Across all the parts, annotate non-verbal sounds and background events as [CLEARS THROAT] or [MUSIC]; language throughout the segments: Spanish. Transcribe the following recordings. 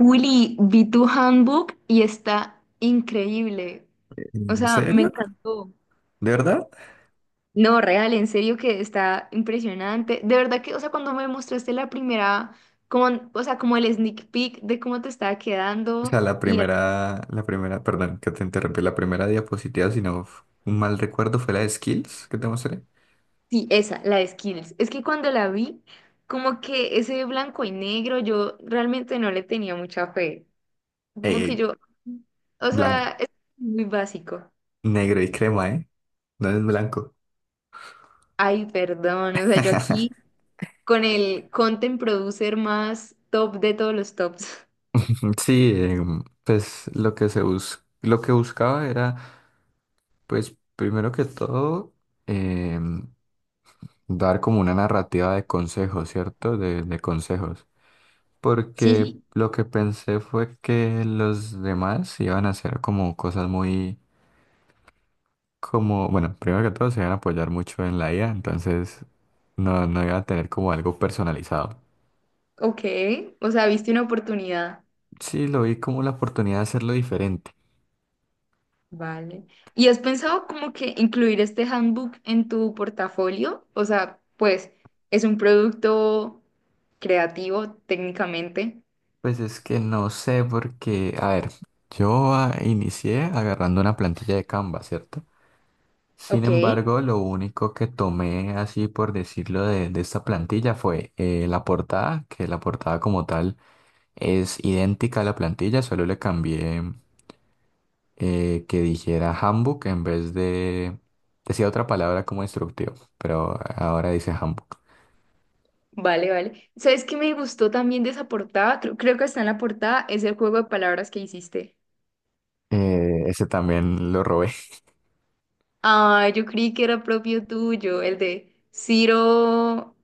Willy, vi tu handbook y está increíble. O ¿En sea, me serio? encantó. ¿De verdad? No, real, en serio que está impresionante. De verdad que, o sea, cuando me mostraste la primera, como, o sea, como el sneak peek de cómo te estaba O quedando sea, la y era- primera, perdón, que te interrumpí, la primera diapositiva, si no un mal recuerdo, fue la de Skills que te mostré. sí, esa, la de Skills. Es que cuando la vi, como que ese blanco y negro, yo realmente no le tenía mucha fe. Como que Eh, yo, o Blanco, sea, es muy básico. negro y crema, ¿eh? No es blanco. Ay, perdón, o sea, yo aquí [LAUGHS] con el content producer más top de todos los tops. [LAUGHS] Sí, pues lo que lo que buscaba era, pues primero que todo, em, dar como una narrativa de consejos, ¿cierto? De consejos. Sí, Porque sí. lo que pensé fue que los demás iban a hacer como cosas muy, como, bueno, primero que todo se iban a apoyar mucho en la IA, entonces no iba a tener como algo personalizado. Ok, o sea, viste una oportunidad. Sí, lo vi como la oportunidad de hacerlo diferente. Vale. ¿Y has pensado como que incluir este handbook en tu portafolio? O sea, pues es un producto creativo técnicamente. Pues es que no sé porque, a ver, yo inicié agarrando una plantilla de Canva, ¿cierto? Sin Ok. embargo, lo único que tomé así por decirlo de esta plantilla fue la portada, que la portada como tal es idéntica a la plantilla, solo le cambié que dijera handbook en vez de... Decía otra palabra como instructivo, pero ahora dice handbook. Vale, vale. ¿Sabes qué me gustó también de esa portada? Creo que está en la portada, es el juego de palabras que hiciste. Ese también lo robé. [LAUGHS] Ah, yo creí que era propio tuyo, el de Ciro.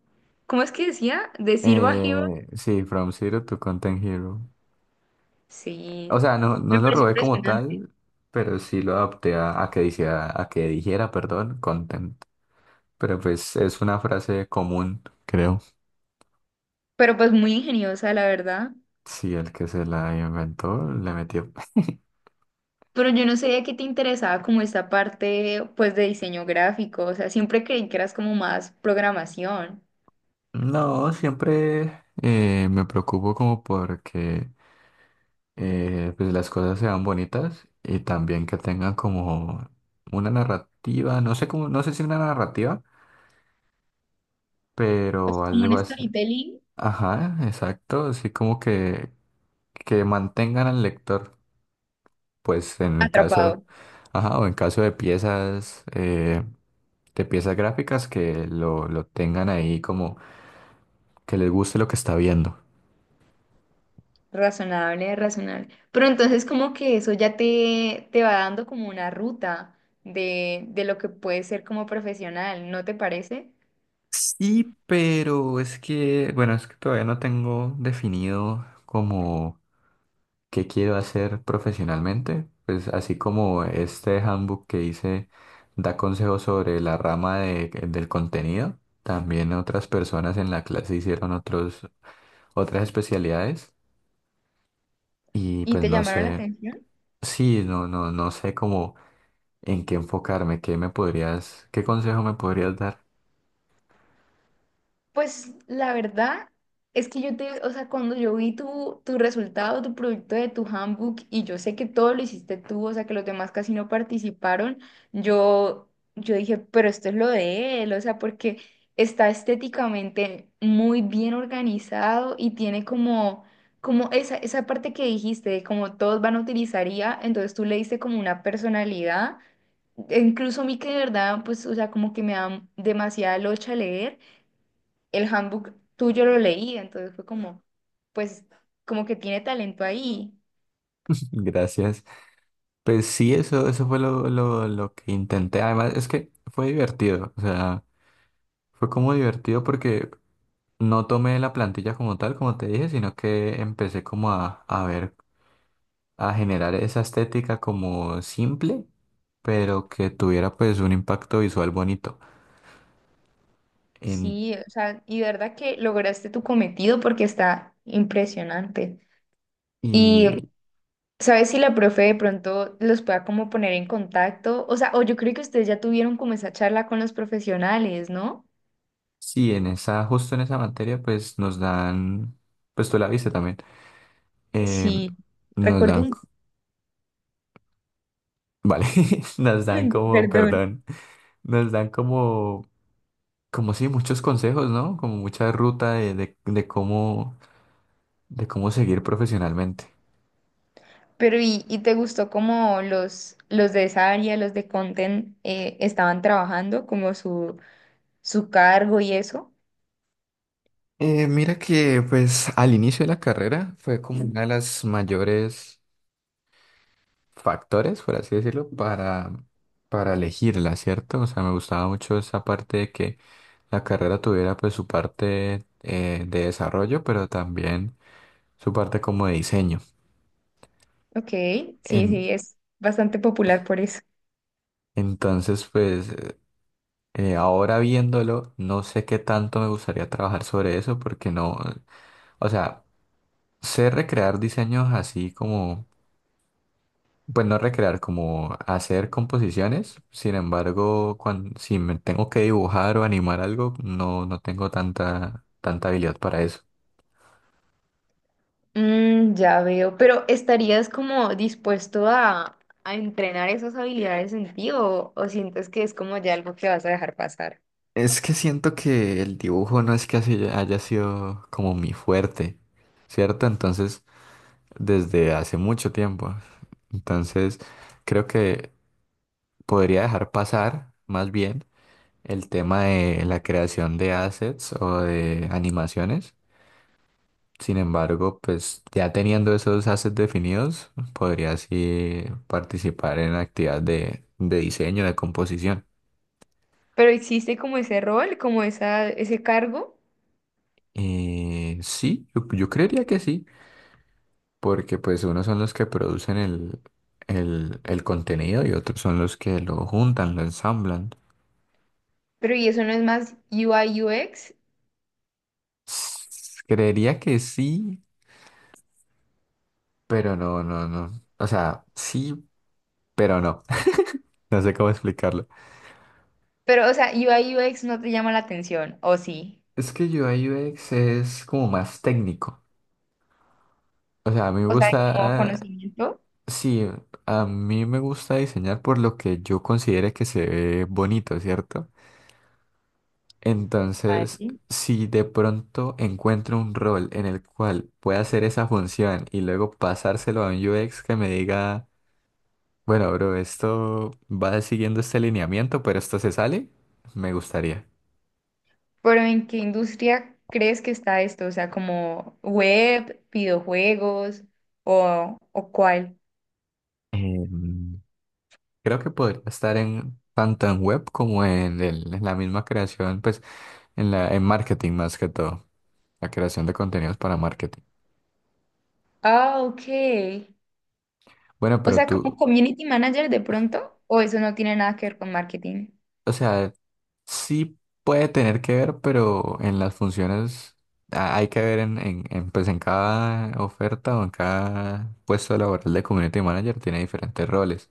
¿Cómo es que decía? ¿De Ciro a Hero? Sí, From Zero to Content Hero. Sí, O sea, no me lo pareció robé como impresionante. tal, pero sí lo adapté a que dijera, content. Pero pues es una frase común, creo. Pero pues muy ingeniosa, la verdad. Sí, el que se la inventó le metió. [LAUGHS] Pero yo no sabía que te interesaba como esta parte pues de diseño gráfico. O sea, siempre creí que eras como más programación. No, siempre me preocupo como porque pues las cosas sean bonitas y también que tengan como una narrativa, no sé cómo, no sé si una narrativa, O pero sea, como algo un así. storytelling Ajá, exacto, así como que mantengan al lector, pues en el caso, atrapado. ajá, o en caso de piezas gráficas que lo tengan ahí como que les guste lo que está viendo. Razonable, razonable. Pero entonces como que eso ya te va dando como una ruta de lo que puedes ser como profesional, ¿no te parece? Sí, pero es que, bueno, es que todavía no tengo definido como qué quiero hacer profesionalmente. Pues así como este handbook que hice da consejos sobre la del contenido, también otras personas en la clase hicieron otros, otras especialidades y ¿Y pues te no llamaron la sé, atención? sí, no sé cómo en qué enfocarme, qué me podrías, qué consejo me podrías dar. Pues la verdad es que yo te, o sea, cuando yo vi tu, resultado, tu proyecto de tu handbook, y yo sé que todo lo hiciste tú, o sea, que los demás casi no participaron, yo, yo dije, pero esto es lo de él, o sea, porque está estéticamente muy bien organizado y tiene como esa, esa parte que dijiste, de como todos van a utilizar IA, entonces tú le diste como una personalidad. E incluso a mí que de verdad, pues, o sea, como que me da demasiada locha leer, el handbook tuyo lo leí, entonces fue como, pues, como que tiene talento ahí. [LAUGHS] Gracias. Pues sí, eso fue lo que intenté. Además, es que fue divertido. O sea, fue como divertido porque no tomé la plantilla como tal, como te dije, sino que empecé como a ver, a generar esa estética como simple, pero que tuviera pues un impacto visual bonito. En, Sí, o sea, y de verdad que lograste tu cometido porque está impresionante. Y y sabes si la profe de pronto los pueda como poner en contacto, o sea, o yo creo que ustedes ya tuvieron como esa charla con los profesionales, ¿no? sí, en esa, justo en esa materia, pues nos dan, pues tú la viste también. em, Sí, Nos recuerdo dan, un, [LAUGHS] vale, [LAUGHS] nos dan [CLEARS THROAT] como, [LAUGHS] perdón. perdón. Nos dan como, como sí, muchos consejos, ¿no? Como mucha ruta de cómo seguir profesionalmente. Pero y te gustó cómo los de esa área, los de content, estaban trabajando, como su cargo y eso. Mira que pues al inicio de la carrera fue como una de las mayores factores, por así decirlo, para elegirla, ¿cierto? O sea, me gustaba mucho esa parte de que la carrera tuviera pues su parte de desarrollo, pero también su parte como de diseño. Ok, sí, En- sí, es bastante popular por eso. entonces, pues ahora viéndolo, no sé qué tanto me gustaría trabajar sobre eso porque no, o sea, sé recrear diseños así como, pues no recrear, como hacer composiciones, sin embargo, cuando si me tengo que dibujar o animar algo, no tengo tanta habilidad para eso. Mm, ya veo, pero ¿estarías como dispuesto a entrenar esas habilidades en ti o sientes que es como ya algo que vas a dejar pasar? Es que siento que el dibujo no es que así haya sido como mi fuerte, ¿cierto? Entonces, desde hace mucho tiempo. Entonces, creo que podría dejar pasar más bien el tema de la creación de assets o de animaciones. Sin embargo, pues ya teniendo esos assets definidos, podría así participar en actividades de diseño, de composición. Pero existe como ese rol, como esa, ese cargo, Sí, yo creería que sí, porque pues unos son los que producen el contenido y otros son los que lo juntan, lo ensamblan. pero y eso no es más UI UX, S- Creería que sí, pero no. O sea, sí pero no, [LAUGHS] no sé cómo explicarlo. pero o sea, UI UX no te llama la atención, ¿o sí? Es que UI UX es como más técnico. O sea, a mí me O sea, como gusta, conocimiento. sí, a mí me gusta diseñar por lo que yo considere que se ve bonito, ¿cierto? Entonces, Vale. si de pronto encuentro un rol en el cual pueda hacer esa función y luego pasárselo a un UX que me diga, bueno, bro, esto va siguiendo este lineamiento, pero esto se sale, me gustaría. Pero ¿en qué industria crees que está esto? O sea, como web, videojuegos o cuál. Em, Creo que podría estar en tanto en web como en, en la misma creación, pues en la en marketing más que todo, la creación de contenidos para marketing. Ah, ok. Bueno, O pero sea, como tú, community manager de pronto, o eso no tiene nada que ver con marketing. o sea, sí puede tener que ver, pero en las funciones hay que ver pues en cada oferta o en cada puesto laboral de community manager tiene diferentes roles.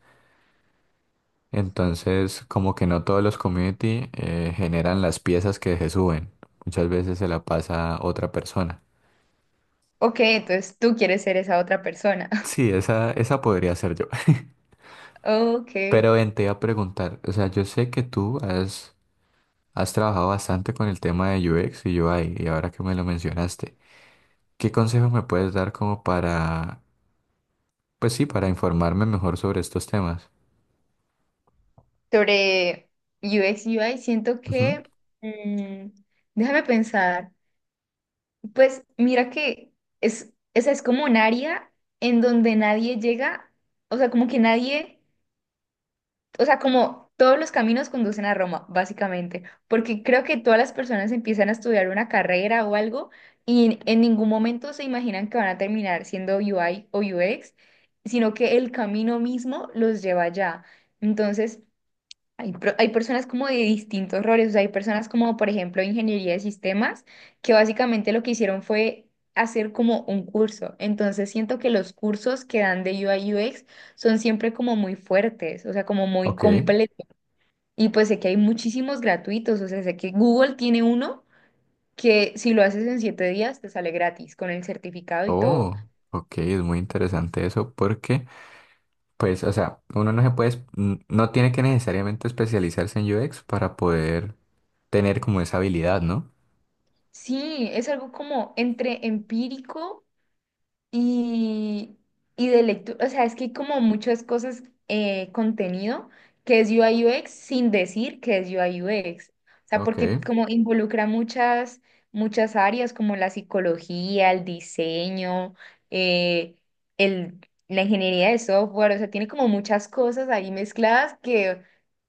Entonces, como que no todos los community generan las piezas que se suben. Muchas veces se la pasa otra persona. Ok, entonces tú quieres ser esa otra persona. [LAUGHS] Sí, esa podría ser yo. Ok. [LAUGHS] Pero ven, te iba a preguntar, o sea, yo sé que tú has trabajado bastante con el tema de UX y UI, y ahora que me lo mencionaste, ¿qué consejos me puedes dar como para, pues sí, para informarme mejor sobre estos temas? Sobre U X U I siento Ujú, que, mm, déjame pensar, pues mira que esa es como un área en donde nadie llega, o sea, como que nadie, o sea, como todos los caminos conducen a Roma, básicamente, porque creo que todas las personas empiezan a estudiar una carrera o algo y en ningún momento se imaginan que van a terminar siendo UI o UX, sino que el camino mismo los lleva allá. Entonces, hay personas como de distintos roles, o sea, hay personas como, por ejemplo, ingeniería de sistemas, que básicamente lo que hicieron fue hacer como un curso. Entonces siento que los cursos que dan de UI UX son siempre como muy fuertes, o sea, como muy ok, completos. Y pues sé que hay muchísimos gratuitos, o sea, sé que Google tiene uno que si lo haces en 7 días te sale gratis con el certificado y todo. oh, ok, es muy interesante eso porque, pues, o sea, uno no se puede, no tiene que necesariamente especializarse en UX para poder tener como esa habilidad, ¿no? Sí, es algo como entre empírico Y, y de lectura. O sea, es que hay como muchas cosas, contenido que es U I U X, sin decir que es U I U X. O sea, Ok. porque como involucra muchas, muchas áreas como la psicología, el diseño, eh, el, la ingeniería de software, o sea, tiene como muchas cosas ahí mezcladas que,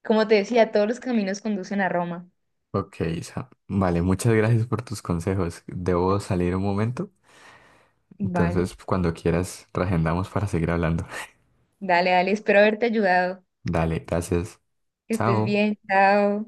como te decía, todos los caminos conducen a Roma. Ok, Isa. Vale, muchas gracias por tus consejos. Debo salir un momento, Vale. entonces cuando quieras, reagendamos para seguir hablando. [LAUGHS] Dale, dale, espero haberte ayudado. Dale, gracias. Que estés Chao. bien, chao.